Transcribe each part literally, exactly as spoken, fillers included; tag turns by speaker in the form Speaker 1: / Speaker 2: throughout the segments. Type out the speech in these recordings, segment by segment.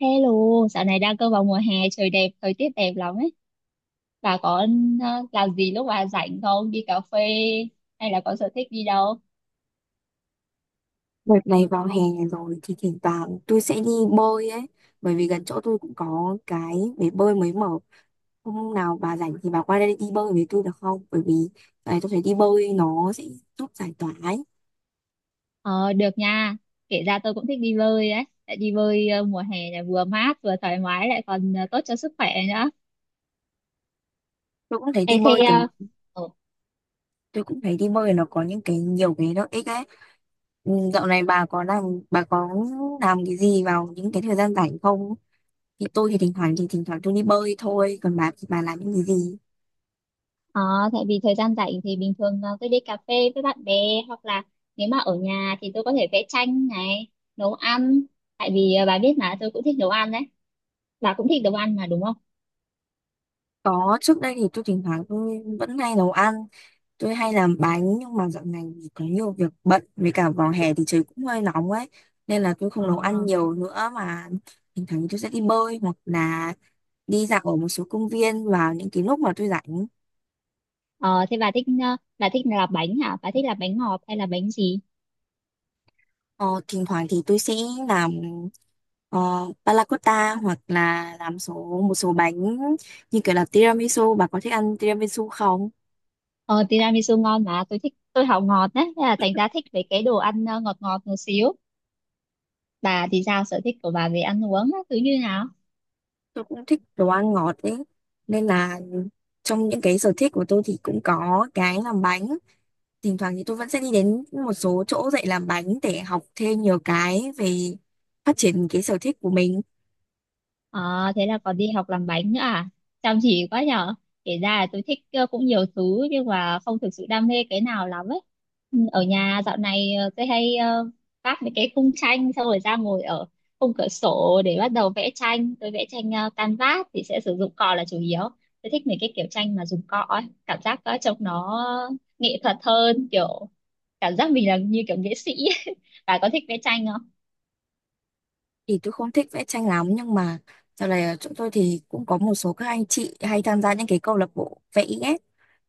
Speaker 1: Hello, dạo này đang cơ vào mùa hè, trời đẹp, thời tiết đẹp lắm ấy. Bà có ờ, làm gì lúc bà rảnh không? Đi cà phê hay là có sở thích đi đâu?
Speaker 2: Đợt này vào hè rồi thì thỉnh thoảng tôi sẽ đi bơi ấy, bởi vì gần chỗ tôi cũng có cái bể bơi mới mở. Hôm nào bà rảnh thì bà qua đây đi bơi với tôi được không? Bởi vì này tôi thấy đi bơi nó sẽ giúp giải tỏa ấy.
Speaker 1: Ờ, được nha. Kể ra tôi cũng thích đi bơi đấy. Tại đi bơi ờ, mùa hè là vừa mát, vừa thoải mái, lại còn ờ, tốt cho sức khỏe nữa.
Speaker 2: tôi cũng thấy
Speaker 1: Ê,
Speaker 2: đi
Speaker 1: thế,
Speaker 2: bơi kiểu
Speaker 1: ờ, ờ,
Speaker 2: tôi cũng thấy đi bơi nó có những cái nhiều cái lợi ích ấy. Ừ, dạo này bà có làm bà có làm cái gì vào những cái thời gian rảnh không? Thì tôi thì thỉnh thoảng thì thỉnh thoảng tôi đi bơi thôi, còn bà thì bà làm những cái gì?
Speaker 1: ờ, tại vì thời gian rảnh thì bình thường ờ, tôi đi cà phê với bạn bè, hoặc là nếu mà ở nhà thì tôi có thể vẽ tranh này, nấu ăn. Tại vì ờ, bà biết mà tôi cũng thích nấu ăn đấy. Bà cũng thích nấu ăn mà đúng không?
Speaker 2: Có, trước đây thì tôi thỉnh thoảng tôi vẫn hay nấu ăn. Tôi hay làm bánh, nhưng mà dạo này thì có nhiều việc bận với cả vào hè thì trời cũng hơi nóng ấy, nên là tôi không nấu ăn
Speaker 1: Ờ.
Speaker 2: nhiều nữa mà thỉnh thoảng tôi sẽ đi bơi hoặc là đi dạo ở một số công viên vào những cái lúc mà tôi rảnh.
Speaker 1: Ờ, thế bà thích, ờ, bà thích là bánh hả? Bà thích là bánh ngọt hay là bánh gì?
Speaker 2: Ờ, thỉnh thoảng thì tôi sẽ làm uh, panna cotta, hoặc là làm số một số bánh như kiểu là tiramisu. Bà có thích ăn tiramisu không?
Speaker 1: Ờ, Tiramisu ngon mà tôi thích, tôi học ngọt đấy, thế là thành ra thích về cái đồ ăn ờ, ngọt ngọt một xíu. Bà thì sao, sở thích của bà về ăn uống á, thứ như nào?
Speaker 2: Tôi cũng thích đồ ăn ngọt ấy, nên là trong những cái sở thích của tôi thì cũng có cái làm bánh. Thỉnh thoảng thì tôi vẫn sẽ đi đến một số chỗ dạy làm bánh để học thêm nhiều cái về phát triển cái sở thích của mình.
Speaker 1: À, thế là còn đi học làm bánh nữa à? Chăm chỉ quá nhở. Kể ra là tôi thích ờ, cũng nhiều thứ nhưng mà không thực sự đam mê cái nào lắm ấy. Ừ. Ở nhà dạo này ờ, tôi hay ờ, vác mấy cái khung tranh xong rồi ra ngồi ở khung cửa sổ để bắt đầu vẽ tranh. Tôi vẽ tranh ờ, canvas thì sẽ sử dụng cọ là chủ yếu. Tôi thích mấy cái kiểu tranh mà dùng cọ ấy. Cảm giác ờ, trông nó nghệ thuật hơn, kiểu cảm giác mình là như kiểu nghệ sĩ ấy. Bà có thích vẽ tranh không?
Speaker 2: Thì tôi không thích vẽ tranh lắm, nhưng mà sau này ở chỗ tôi thì cũng có một số các anh chị hay tham gia những cái câu lạc bộ vẽ i ét.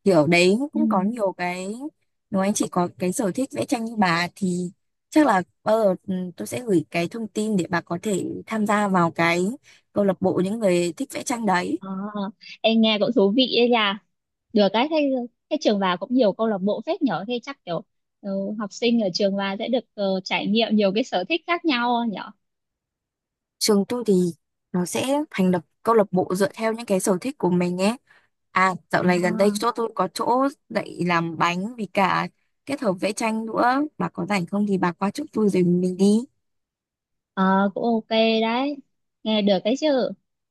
Speaker 2: Thì ở đấy
Speaker 1: Ừ.
Speaker 2: cũng có nhiều cái, nếu anh chị có cái sở thích vẽ tranh như bà thì chắc là ờ, ừ, tôi sẽ gửi cái thông tin để bà có thể tham gia vào cái câu lạc bộ những người thích vẽ tranh đấy.
Speaker 1: À, em nghe cũng thú vị ấy nhỉ, được cái thế, thế trường bà cũng nhiều câu lạc bộ phết nhỏ, thế chắc kiểu ừ, học sinh ở trường bà sẽ được ờ, trải nghiệm nhiều cái sở thích khác nhau nhỏ.
Speaker 2: Trường tôi thì nó sẽ thành lập câu lạc bộ dựa theo những cái sở thích của mình ấy. À, dạo này gần đây
Speaker 1: À,
Speaker 2: chỗ tôi có chỗ dạy làm bánh vì cả kết hợp vẽ tranh nữa, bà có rảnh không thì bà qua chỗ tôi rồi mình đi.
Speaker 1: ờ, cũng ok đấy, nghe được cái chứ.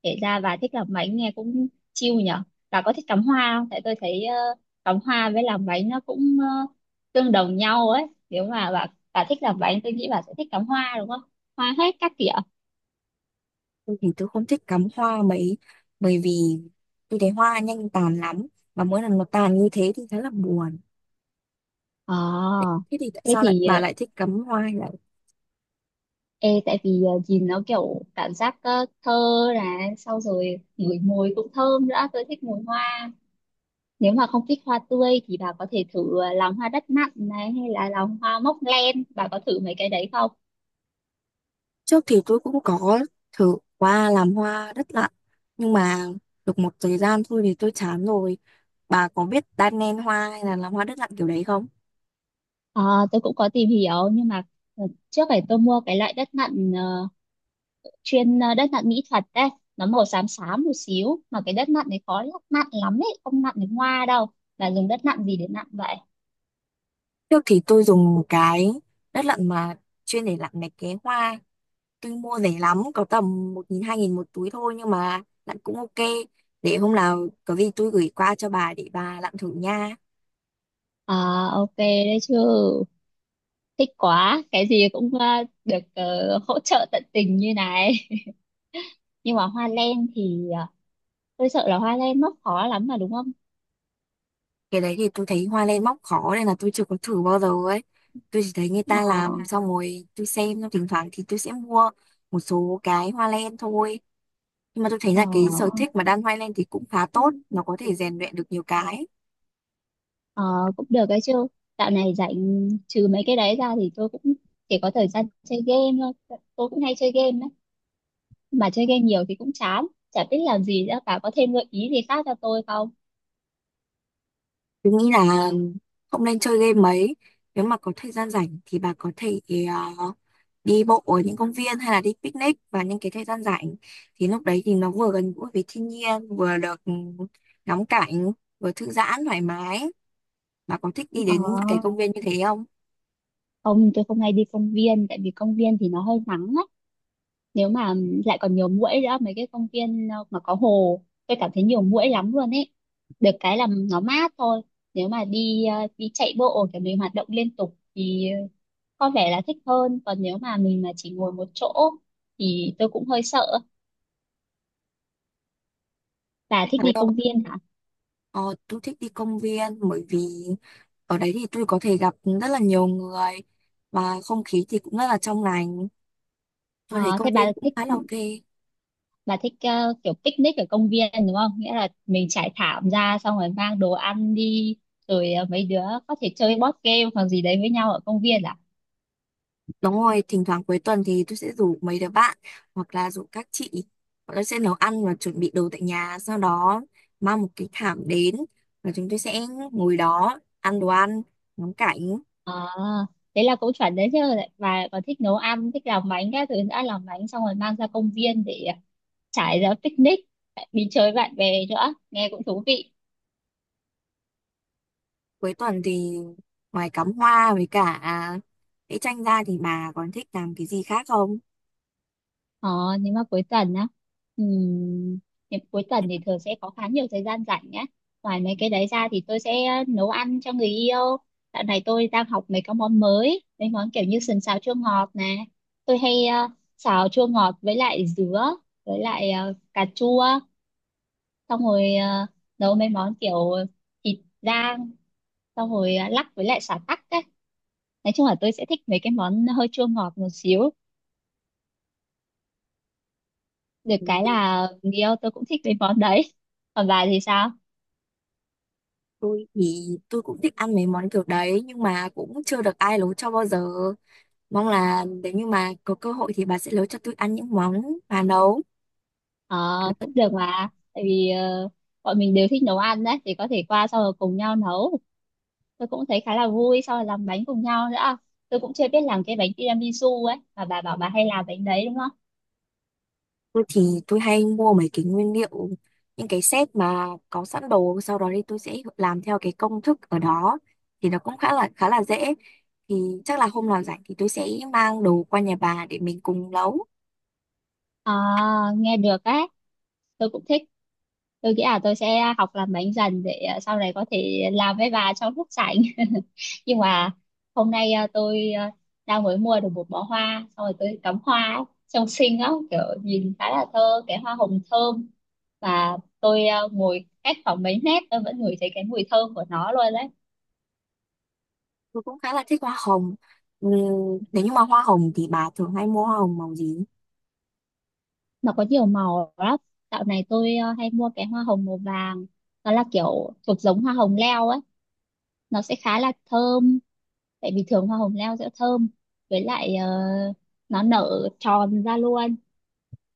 Speaker 1: Kể ra bà thích làm bánh nghe cũng chill nhở. Bà có thích cắm hoa không, tại tôi thấy ờ, cắm hoa với làm bánh nó cũng ờ, tương đồng nhau ấy. Nếu mà bà bà thích làm bánh tôi nghĩ bà sẽ thích cắm hoa đúng không, hoa hết các kiểu.
Speaker 2: Tôi thì tôi không thích cắm hoa mấy, bởi vì tôi thấy hoa nhanh tàn lắm, và mỗi lần nó tàn như thế thì khá là buồn. thế
Speaker 1: Ờ,
Speaker 2: thế thì tại
Speaker 1: thế
Speaker 2: sao lại
Speaker 1: thì
Speaker 2: bà lại
Speaker 1: ờ,
Speaker 2: thích cắm hoa nhỉ?
Speaker 1: ê, tại vì ờ, nhìn nó kiểu cảm giác ờ, thơ, là sau rồi ngửi mùi cũng thơm nữa, tôi thích mùi hoa. Nếu mà không thích hoa tươi thì bà có thể thử ờ, lòng hoa đất nặn này hay là lòng hoa móc len, bà có thử mấy cái đấy không?
Speaker 2: Trước thì tôi cũng có thử qua làm hoa đất lặn, nhưng mà được một thời gian thôi thì tôi chán rồi. Bà có biết đan nen hoa hay là làm hoa đất lặn kiểu đấy không?
Speaker 1: Ờ, tôi cũng có tìm hiểu nhưng mà ờ, trước này tôi mua cái loại đất nặn ờ, chuyên ờ, đất nặn mỹ thuật đấy, nó màu xám xám một xíu mà cái đất nặn này khó lắc nặn lắm ấy, không nặn được hoa đâu. Bà dùng đất nặn gì để nặn vậy?
Speaker 2: Trước thì tôi dùng một cái đất lặn mà chuyên để lặn mấy cái hoa. Tôi mua rẻ lắm, có tầm một nghìn hai nghìn một túi thôi, nhưng mà lặn cũng ok. Để hôm nào có gì tôi gửi qua cho bà để bà lặn thử nha.
Speaker 1: À ok đấy chứ, thích quá, cái gì cũng ờ, được ờ, hỗ trợ tận tình như này. Nhưng mà hoa len thì ờ, tôi sợ là hoa len nó khó lắm mà đúng không?
Speaker 2: Cái đấy thì tôi thấy hoa lên móc khó nên là tôi chưa có thử bao giờ ấy. Tôi chỉ thấy người
Speaker 1: ờ
Speaker 2: ta làm xong rồi tôi xem xong, thỉnh thoảng thì tôi sẽ mua một số cái hoa len thôi. Nhưng mà tôi thấy
Speaker 1: ờ
Speaker 2: là cái sở thích mà đan hoa len thì cũng khá tốt, nó có thể rèn luyện được nhiều cái.
Speaker 1: ờ, Cũng được đấy chứ. Dạo này rảnh trừ mấy cái đấy ra thì tôi cũng chỉ có thời gian chơi game thôi, tôi cũng hay chơi game đấy, mà chơi game nhiều thì cũng chán, chả biết làm gì nữa cả, có thêm gợi ý gì khác cho tôi không?
Speaker 2: Tôi nghĩ là không nên chơi game mấy. Nếu mà có thời gian rảnh thì bà có thể ờ, đi bộ ở những công viên hay là đi picnic vào những cái thời gian rảnh, thì lúc đấy thì nó vừa gần gũi với thiên nhiên, vừa được ừ, ngắm cảnh, vừa thư giãn thoải mái. Bà có thích đi
Speaker 1: ờ
Speaker 2: đến cái công viên như thế không?
Speaker 1: Không, tôi không hay đi công viên tại vì công viên thì nó hơi nắng á. Nếu mà lại còn nhiều muỗi nữa, mấy cái công viên ờ, mà có hồ tôi cảm thấy nhiều muỗi lắm luôn ấy, được cái là nó mát thôi. Nếu mà đi ờ, đi chạy bộ kiểu mình hoạt động liên tục thì có vẻ là thích hơn, còn nếu mà mình mà chỉ ngồi một chỗ thì tôi cũng hơi sợ. Bà thích
Speaker 2: Thấy
Speaker 1: đi
Speaker 2: không?
Speaker 1: công viên hả?
Speaker 2: Ờ, tôi thích đi công viên bởi vì ở đấy thì tôi có thể gặp rất là nhiều người, và không khí thì cũng rất là trong lành. Tôi thấy
Speaker 1: Ờ,
Speaker 2: công
Speaker 1: thế bà
Speaker 2: viên cũng
Speaker 1: thích,
Speaker 2: khá là ok.
Speaker 1: bà thích ờ, kiểu picnic ở công viên đúng không, nghĩa là mình trải thảm ra xong rồi mang đồ ăn đi, rồi ờ, mấy đứa có thể chơi board game hoặc gì đấy với nhau ở công viên à?
Speaker 2: Đúng rồi, thỉnh thoảng cuối tuần thì tôi sẽ rủ mấy đứa bạn hoặc là rủ các chị. Bọn tôi sẽ nấu ăn và chuẩn bị đồ tại nhà. Sau đó mang một cái thảm đến và chúng tôi sẽ ngồi đó ăn đồ ăn, ngắm cảnh.
Speaker 1: À, thế là cũng chuẩn đấy chứ, và còn thích nấu ăn thích làm bánh các thứ, đã làm bánh xong rồi mang ra công viên để trải ra picnic, lại đi chơi bạn bè nữa, nghe cũng thú vị.
Speaker 2: Cuối tuần thì ngoài cắm hoa với cả vẽ tranh ra thì bà còn thích làm cái gì khác không?
Speaker 1: ờ nhưng mà cuối tuần á, ừm, thì cuối tuần thì thường sẽ có khá nhiều thời gian rảnh nhá. Ngoài mấy cái đấy ra thì tôi sẽ nấu ăn cho người yêu. Dạo này tôi đang học mấy cái món mới, mấy món kiểu như sườn xào chua ngọt nè, tôi hay ờ, xào chua ngọt với lại dứa với lại ờ, cà chua, xong rồi ờ, nấu mấy món kiểu thịt rang, xong rồi ờ, lắc với lại sả tắc ấy. Nói chung là tôi sẽ thích mấy cái món hơi chua ngọt một xíu, được cái
Speaker 2: Ừ,
Speaker 1: là người yêu tôi cũng thích mấy món đấy. Còn bà thì sao?
Speaker 2: Tôi thì tôi cũng thích ăn mấy món kiểu đấy, nhưng mà cũng chưa được ai nấu cho bao giờ. Mong là nếu như mà có cơ hội thì bà sẽ nấu cho tôi ăn những món bà nấu.
Speaker 1: Ờ, cũng được mà, tại vì ờ, bọn mình đều thích nấu ăn đấy thì có thể qua sau rồi cùng nhau nấu, tôi cũng thấy khá là vui, sau rồi làm bánh cùng nhau nữa. Tôi cũng chưa biết làm cái bánh tiramisu ấy, mà bà bảo bà hay làm bánh đấy đúng không?
Speaker 2: Tôi thì tôi hay mua mấy cái nguyên liệu, những cái set mà có sẵn đồ, sau đó thì tôi sẽ làm theo cái công thức ở đó thì nó cũng khá là khá là dễ. Thì chắc là hôm nào rảnh thì tôi sẽ mang đồ qua nhà bà để mình cùng nấu.
Speaker 1: À, nghe được á. Tôi cũng thích, tôi nghĩ là tôi sẽ học làm bánh dần để à, sau này có thể làm với bà trong lúc rảnh. Nhưng mà hôm nay à, tôi à, đang mới mua được một bó hoa xong rồi tôi cắm hoa ấy, trông xinh lắm, kiểu nhìn khá là thơ, cái hoa hồng thơm. Và tôi à, ngồi cách khoảng mấy mét tôi vẫn ngửi thấy cái mùi thơm của nó luôn đấy.
Speaker 2: Tôi cũng khá là thích hoa hồng. Ừm, Nếu như mà hoa hồng thì bà thường hay mua hoa hồng màu gì?
Speaker 1: Nó có nhiều màu lắm, dạo này tôi à, hay mua cái hoa hồng màu vàng, nó là kiểu thuộc giống hoa hồng leo ấy, nó sẽ khá là thơm tại vì thường hoa hồng leo sẽ thơm, với lại ờ, nó nở tròn ra luôn,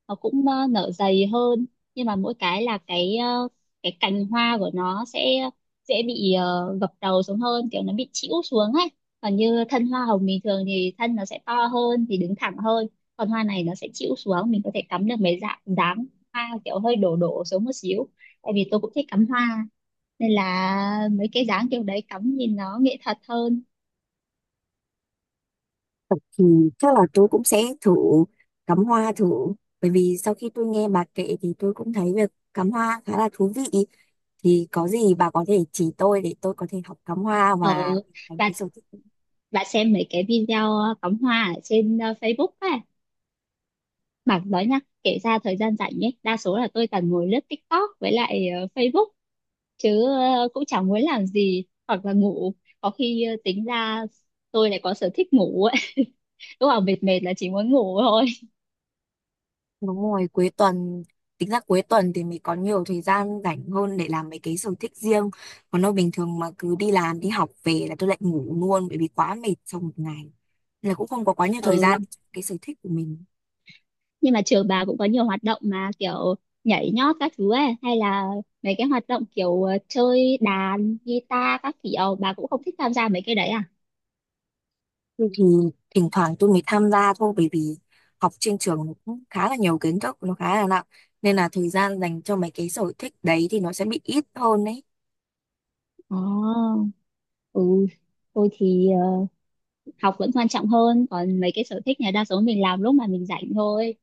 Speaker 1: nó cũng ờ, nở dày hơn. Nhưng mà mỗi cái là cái ờ, cái cành hoa của nó sẽ dễ bị ờ, gập đầu xuống hơn, kiểu nó bị chĩu xuống ấy. Còn như thân hoa hồng bình thường thì thân nó sẽ to hơn thì đứng thẳng hơn, còn hoa này nó sẽ chĩu xuống, mình có thể cắm được mấy dạng dáng hoa kiểu hơi đổ đổ xuống một xíu. Tại vì tôi cũng thích cắm hoa nên là mấy cái dáng kiểu đấy cắm nhìn nó nghệ thuật hơn.
Speaker 2: Thì chắc là tôi cũng sẽ thử cắm hoa thử, bởi vì sau khi tôi nghe bà kể thì tôi cũng thấy việc cắm hoa khá là thú vị. Thì có gì bà có thể chỉ tôi để tôi có thể học cắm hoa và
Speaker 1: ở
Speaker 2: đánh
Speaker 1: và
Speaker 2: cái sở thích.
Speaker 1: và xem mấy cái video cắm hoa ở trên ờ, Facebook ấy. Bảo nói nhá, kể ra thời gian rảnh ấy đa số là tôi toàn ngồi lướt TikTok với lại ờ, Facebook, chứ ờ, cũng chẳng muốn làm gì hoặc là ngủ. Có khi ờ, tính ra tôi lại có sở thích ngủ ấy. Lúc nào mệt mệt là chỉ muốn ngủ thôi.
Speaker 2: Đúng rồi, cuối tuần tính ra cuối tuần thì mình có nhiều thời gian rảnh hơn để làm mấy cái sở thích riêng. Còn đâu bình thường mà cứ đi làm đi học về là tôi lại ngủ luôn, bởi vì quá mệt sau một ngày. Nên là cũng không có quá nhiều thời gian
Speaker 1: Ừ,
Speaker 2: cho cái sở thích của mình.
Speaker 1: nhưng mà trường bà cũng có nhiều hoạt động mà kiểu nhảy nhót các thứ ấy, hay là mấy cái hoạt động kiểu ờ, chơi đàn guitar các kiểu, bà cũng không thích tham gia mấy cái đấy à?
Speaker 2: Thôi thì thỉnh thoảng tôi mới tham gia thôi, bởi vì học trên trường nó cũng khá là nhiều kiến thức, nó khá là nặng, nên là thời gian dành cho mấy cái sở thích đấy thì nó sẽ bị ít hơn đấy.
Speaker 1: Ồ, ừ, tôi thì ờ, học vẫn quan trọng hơn, còn mấy cái sở thích này đa số mình làm lúc mà mình rảnh thôi.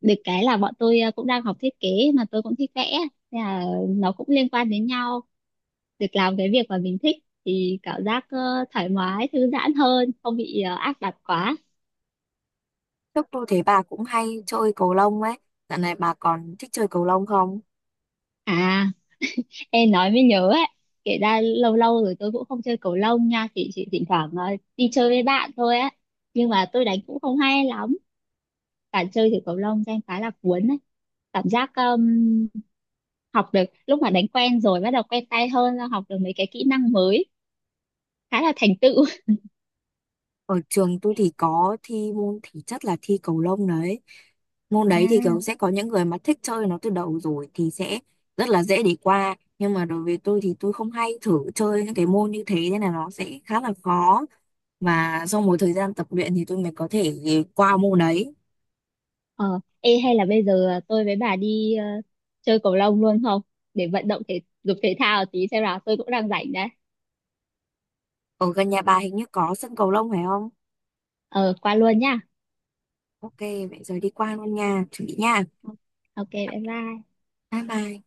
Speaker 1: Được cái là bọn tôi ờ, cũng đang học thiết kế mà tôi cũng thích vẽ nên là nó cũng liên quan đến nhau, được làm cái việc mà mình thích thì cảm giác ờ, thoải mái thư giãn hơn, không bị ờ, áp đặt quá.
Speaker 2: Lúc tôi thấy bà cũng hay chơi cầu lông ấy. Dạo này bà còn thích chơi cầu lông không?
Speaker 1: À, ê nói mới nhớ ấy, kể ra lâu lâu rồi tôi cũng không chơi cầu lông nha. Chỉ, chỉ thỉnh thoảng ờ, đi chơi với bạn thôi á. Nhưng mà tôi đánh cũng không hay lắm. Bạn chơi thử cầu lông cho em khá là cuốn ấy. Cảm giác ừm, học được, lúc mà đánh quen rồi bắt đầu quen tay hơn là học được mấy cái kỹ năng mới, khá là thành tựu.
Speaker 2: Ở trường tôi thì có thi môn thể chất là thi cầu lông đấy. Môn đấy thì kiểu sẽ
Speaker 1: À,
Speaker 2: có những người mà thích chơi nó từ đầu rồi thì sẽ rất là dễ để qua. Nhưng mà đối với tôi thì tôi không hay thử chơi những cái môn như thế nên là nó sẽ khá là khó. Và sau một thời gian tập luyện thì tôi mới có thể qua môn đấy.
Speaker 1: ờ, ê hay là bây giờ tôi với bà đi ờ, chơi cầu lông luôn không? Để vận động thể dục thể thao tí xem nào, tôi cũng đang rảnh đấy.
Speaker 2: Ở gần nhà bà hình như có sân cầu lông phải không?
Speaker 1: Ờ qua luôn nhá.
Speaker 2: Ok, vậy giờ đi qua luôn nha. Chuẩn bị nha.
Speaker 1: Ok bye bye.
Speaker 2: Bye bye.